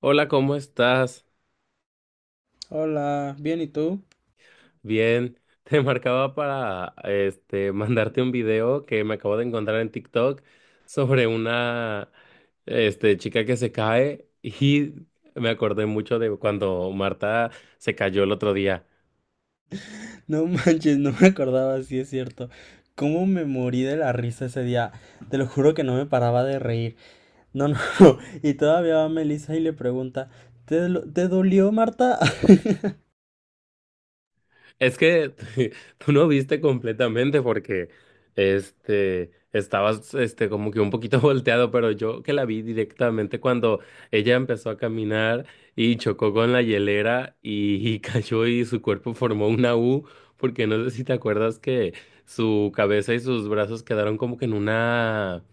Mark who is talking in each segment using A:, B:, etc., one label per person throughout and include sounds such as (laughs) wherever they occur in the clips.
A: Hola, ¿cómo estás?
B: Hola, bien, ¿y tú?
A: Bien, (laughs) te marcaba para mandarte un video que me acabo de encontrar en TikTok sobre una chica que se cae y me acordé mucho de cuando Marta se cayó el otro día.
B: No manches, no me acordaba, sí es cierto. ¿Cómo me morí de la risa ese día? Te lo juro que no me paraba de reír. No, no, (laughs) y todavía va Melissa y le pregunta, ¿ te dolió, Marta? (laughs)
A: Es que (laughs) tú no viste completamente porque estabas como que un poquito (laughs) volteado, pero yo que la vi directamente cuando ella empezó a caminar y chocó con la hielera y (laughs) cayó y su cuerpo formó una U, porque no sé si te acuerdas que su cabeza y sus brazos quedaron como que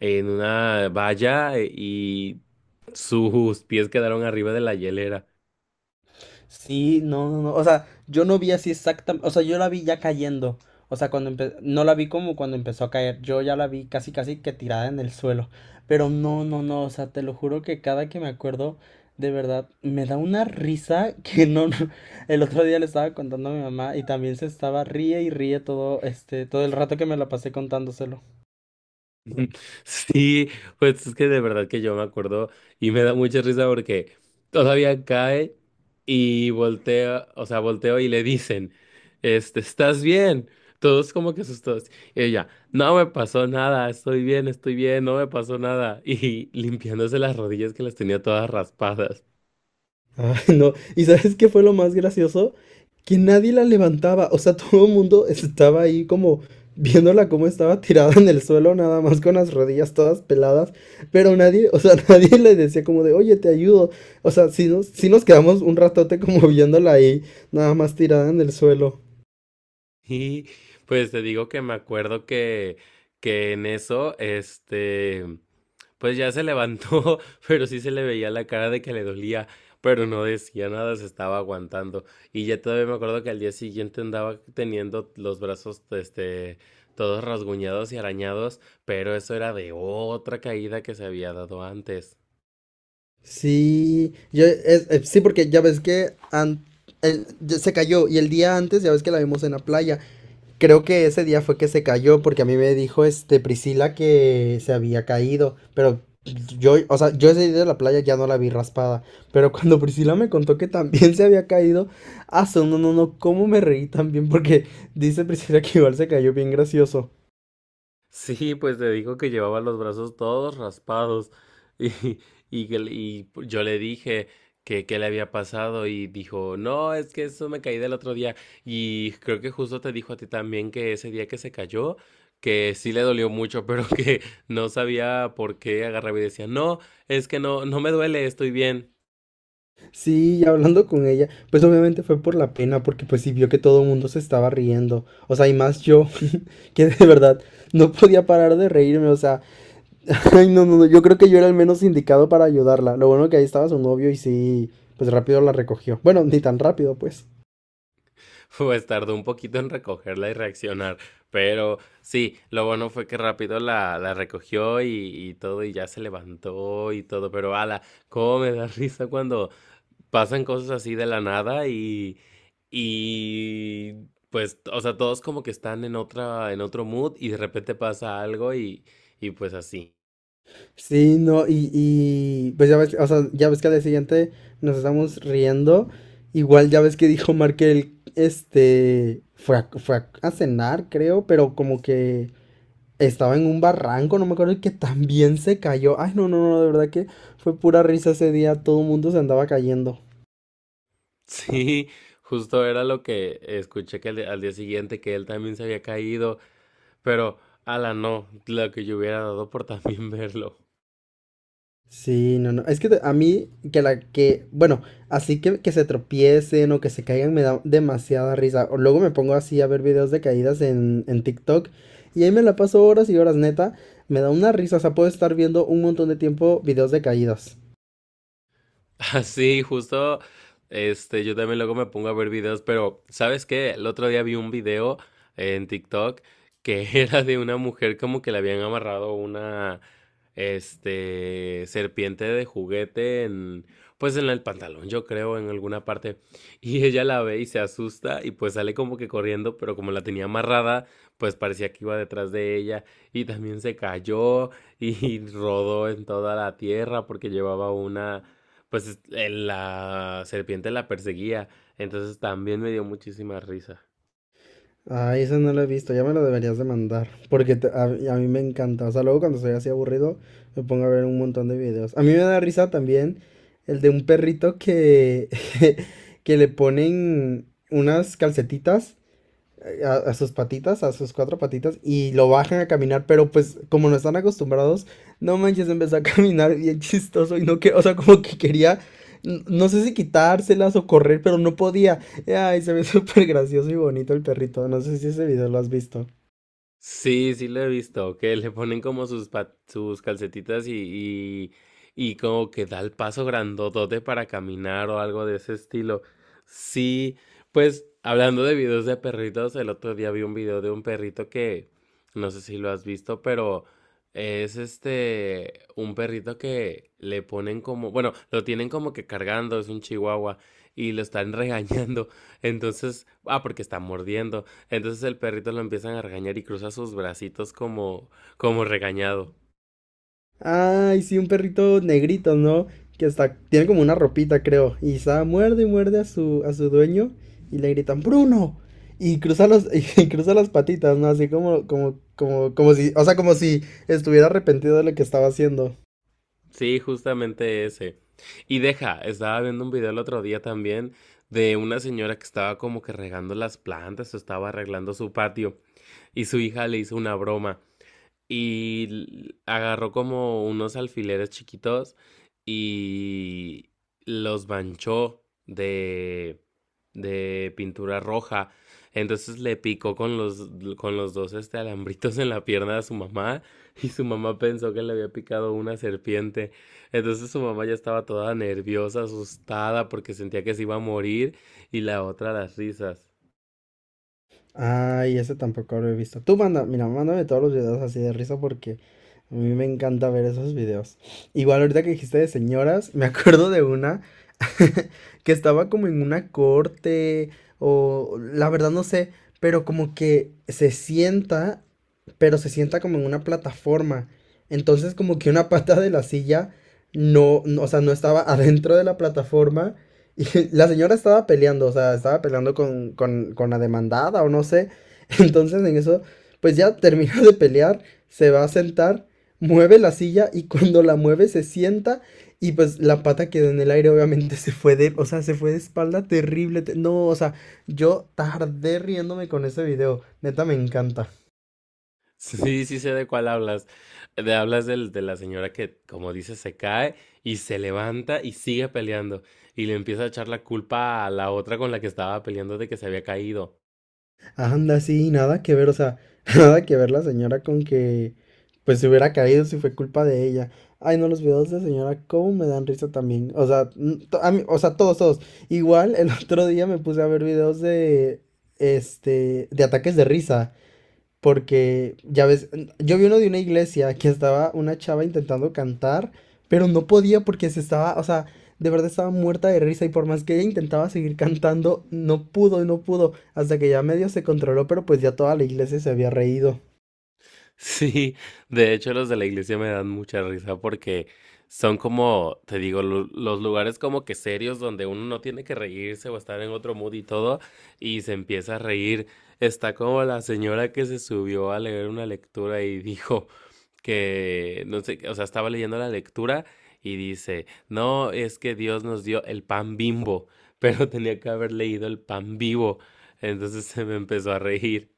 A: en una valla y sus pies quedaron arriba de la hielera.
B: Sí, no, no, no. O sea, yo no vi así exactamente. O sea, yo la vi ya cayendo. O sea, no la vi como cuando empezó a caer. Yo ya la vi casi, casi que tirada en el suelo. Pero no, no, no. O sea, te lo juro que cada que me acuerdo, de verdad, me da una risa (laughs) que no. no- El otro día le estaba contando a mi mamá y también se estaba ríe y ríe todo, todo el rato que me la pasé contándoselo.
A: (laughs) Sí, pues es que de verdad que yo me acuerdo y me da mucha risa porque todavía cae y voltea, o sea, volteo y le dicen, ¿estás bien? Todos como que asustados. Y ella, no me pasó nada, estoy bien, no me pasó nada. (laughs) Y limpiándose las rodillas que las tenía todas raspadas.
B: Ay, (laughs) no. ¿Y sabes qué fue lo más gracioso? Que nadie la levantaba. O sea, (laughs) todo el mundo estaba ahí como viéndola como estaba tirada en el suelo, nada más con las rodillas todas peladas. Pero nadie, o sea, (laughs) nadie le decía como de, oye, te ayudo. O sea, si nos, sí nos quedamos un ratote como viéndola ahí, nada más tirada en el suelo.
A: Y pues te digo que me acuerdo que en eso, Pues ya se levantó, (laughs) pero sí se le veía la cara de que le dolía, pero no decía nada, se estaba aguantando. Y ya todavía me acuerdo que al día siguiente andaba teniendo los brazos, todos rasguñados y arañados, pero eso era de otra caída que se había dado antes.
B: Sí, yo, sí, porque ya ves que an- el- ya se cayó y el día antes ya ves que la vimos en la playa. Creo que ese día fue que se cayó porque a mí me dijo este Priscila que se había caído, pero yo, o sea, yo ese día de la playa ya no la vi raspada, pero (laughs) cuando Priscila me contó que también se había caído, no, no, no, cómo me reí también porque dice Priscila que igual se cayó bien gracioso.
A: Sí, pues te dijo que llevaba los brazos todos raspados (laughs) y, y yo le dije que qué le había pasado y dijo, no, es que eso me caí del otro día y creo que justo te dijo a ti también que ese día que se cayó, que sí le dolió mucho, pero (laughs) que no sabía por qué agarraba y decía, no, es que no, no me duele, estoy bien.
B: Sí, y hablando con ella, pues obviamente fue por la pena, porque pues sí vio que todo el mundo se estaba riendo, o sea, y más yo, (laughs) que de verdad no podía parar de reírme, o sea, (laughs) ay, no, no, no, yo creo que yo era el menos indicado para ayudarla, lo bueno que ahí estaba su novio y sí, pues rápido la recogió, bueno, ni tan rápido, pues,
A: (laughs) Pues tardó un poquito en recogerla y reaccionar, pero sí, lo bueno fue que rápido la recogió y todo, y ya se levantó y todo, pero ala, cómo me da (laughs) risa cuando pasan cosas así de la nada y, y pues, o sea, todos como que están en otra, en otro mood y de repente pasa algo y pues así. (laughs)
B: sí, no, pues ya ves, o sea, ya ves que al día siguiente nos estamos riendo, igual ya ves que dijo Markel, fue a cenar, creo, pero como que... Estaba en un barranco, no me acuerdo, y que también se cayó. Ay, no, no, no, de verdad que fue pura risa ese día, todo el mundo se andaba cayendo.
A: Sí, justo era lo que escuché que al día siguiente que él también se había caído. Pero, ala, no, lo que yo hubiera dado por también (laughs) verlo.
B: Sí, no, no. Es que a mí, bueno, así que se tropiecen o que se caigan me da demasiada risa. O luego me pongo así a ver videos de caídas en TikTok y ahí me la paso horas y horas, neta. Me da una risa, o sea, puedo estar viendo un montón de tiempo videos de caídas.
A: (laughs) Sí, justo, yo también luego me pongo a ver videos, pero ¿sabes qué? El otro día vi un video en TikTok que (laughs) era de una mujer como que le habían amarrado una, serpiente de juguete en, pues en el pantalón, yo creo, en alguna parte. Y ella la ve y se asusta y pues sale como que corriendo, pero como la tenía amarrada, pues parecía que iba detrás de ella y también se cayó y (laughs) rodó en toda la tierra porque llevaba una la serpiente la perseguía. Entonces también me dio muchísima risa.
B: Ah, esa no la he visto, ya me lo deberías de mandar, porque a mí me encanta, o sea, luego cuando estoy así aburrido me pongo a ver un montón de videos. A mí me da risa también el de un perrito que, (laughs) que le ponen unas calcetitas a sus patitas, a sus cuatro patitas, y lo bajan a caminar, pero pues como no están acostumbrados, no manches, empezó a (laughs) caminar bien chistoso y no que, o sea, como que quería, no sé si quitárselas o correr, pero no podía. Ay, se ve (laughs) súper gracioso y bonito el perrito, no sé si ese video lo has visto.
A: Sí, sí lo he visto, que le ponen como sus, sus calcetitas y como que da el paso grandotote para caminar o algo de ese estilo. Sí, pues hablando de videos de perritos, el otro día vi un video de un perrito que, no sé si lo has visto, pero es un perrito que le ponen como, bueno, lo tienen como que cargando, es un chihuahua, y lo están (laughs) regañando, entonces, ah, porque está mordiendo. Entonces el perrito lo empiezan a regañar y cruza sus bracitos como, como regañado.
B: Ay, sí, un perrito negrito, ¿no? Que hasta tiene como una ropita, creo. Y está, muerde y muerde a a su dueño y le gritan, ¡Bruno! Y cruza (laughs) y cruza las patitas, ¿no? Así como, como, como, como si, o sea, como si estuviera arrepentido de lo que estaba haciendo.
A: Sí, justamente ese. Y deja, estaba viendo un video el otro día también de una señora que estaba como que regando las plantas o estaba arreglando su patio y su hija le hizo una broma y agarró como unos alfileres chiquitos y los manchó de pintura roja. Entonces le picó con los dos alambritos en la pierna a su mamá y su mamá pensó que le había picado una serpiente. Entonces su mamá ya estaba toda nerviosa, asustada porque sentía que se iba a morir y la otra las risas.
B: Ay, ese tampoco lo he visto. Tú manda, mira, mándame todos los videos así de risa porque a mí me encanta ver esos videos. Igual ahorita que dijiste de señoras, me (laughs) acuerdo de una (laughs) que estaba como en una corte o la verdad no sé, pero como que se sienta, pero se sienta como en una plataforma. Entonces como que una pata de la silla no, no, o sea, no estaba adentro de la plataforma y la señora estaba peleando, o sea, estaba peleando con la demandada o no sé. (laughs) Entonces en eso, pues ya termina de pelear, se va a sentar, mueve la silla y cuando la mueve se sienta y pues la pata quedó en el aire, obviamente se fue de, o sea, se fue de espalda terrible. No, o sea, yo tardé riéndome con ese video, neta me encanta.
A: Sí, sí sí sé de cuál hablas. Hablas de la señora que, como dices, se cae y se levanta y sigue peleando. Y le empieza a echar la culpa a la otra con la que estaba peleando de que se había caído. (laughs)
B: Anda, sí, nada que ver, o sea, (laughs) nada que ver la señora con que pues se hubiera caído si fue culpa de ella. Ay, no, los videos de señora, cómo me dan risa también. O sea, o sea, todos, todos. Igual el (laughs) otro día me puse a ver videos de de ataques de risa. Porque, ya ves, yo vi uno de una iglesia que estaba una chava intentando cantar, pero no podía porque se estaba, o sea, de verdad estaba muerta de risa y por más que ella intentaba seguir cantando, no pudo, no pudo, hasta que ya medio se controló, pero pues ya toda la iglesia se había reído.
A: Sí, de hecho los de la iglesia me dan mucha risa porque son como, te digo, los lugares como que serios donde uno no tiene que reírse o estar en otro mood y todo. Y se empieza a reír. Está como la señora que se subió a leer una lectura y dijo... que, no sé, o sea, estaba leyendo la lectura y dice, no, es que Dios nos dio el pan bimbo, (laughs) pero tenía que haber leído el pan vivo. Entonces se me empezó a reír.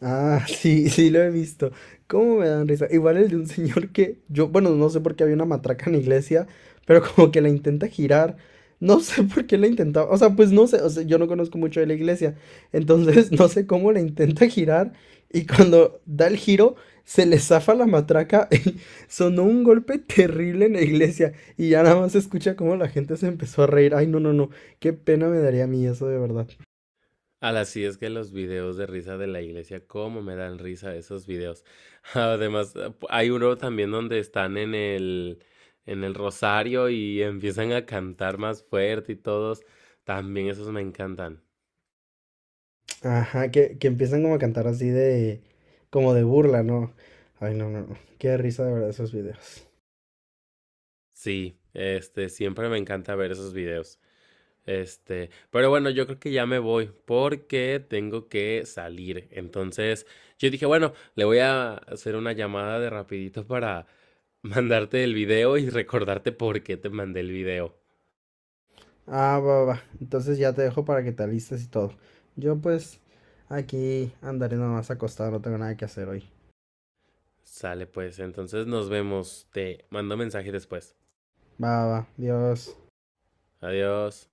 B: Ah, sí, sí lo he visto. ¿Cómo me dan risa? Igual el de un señor que yo, bueno, no sé por qué había una matraca en la iglesia, pero como que la intenta girar. No sé (laughs) por qué la intentaba, o sea, pues no sé, o sea, yo no conozco mucho de la iglesia, entonces (laughs) no sé cómo la intenta girar y cuando da el giro se le zafa la matraca (laughs) y sonó un golpe terrible en la iglesia y ya nada más se escucha cómo la gente se empezó a reír. Ay, no, no, no, qué pena me daría a mí eso de verdad.
A: Al así es que los videos de risa de la iglesia, cómo me dan risa esos videos. (laughs) Además, hay uno también donde están en el rosario y empiezan a cantar más fuerte y todos. También esos me encantan.
B: Ajá, que empiezan como a cantar así de, como de burla, ¿no? Ay, no, no, no. Qué risa de verdad esos videos.
A: Sí, siempre me encanta ver esos videos. Pero bueno, yo creo que ya me voy porque tengo que salir. Entonces, yo dije, bueno, le voy a hacer una llamada de rapidito para (laughs) mandarte el video y recordarte por qué te mandé el video.
B: Ah, va, va, va. Entonces ya te dejo para que te alistes y todo. Yo pues aquí andaré nomás acostado, no tengo nada que hacer hoy.
A: Sale pues, entonces nos vemos. Te mando mensaje después.
B: Va, va, va. Adiós.
A: Adiós.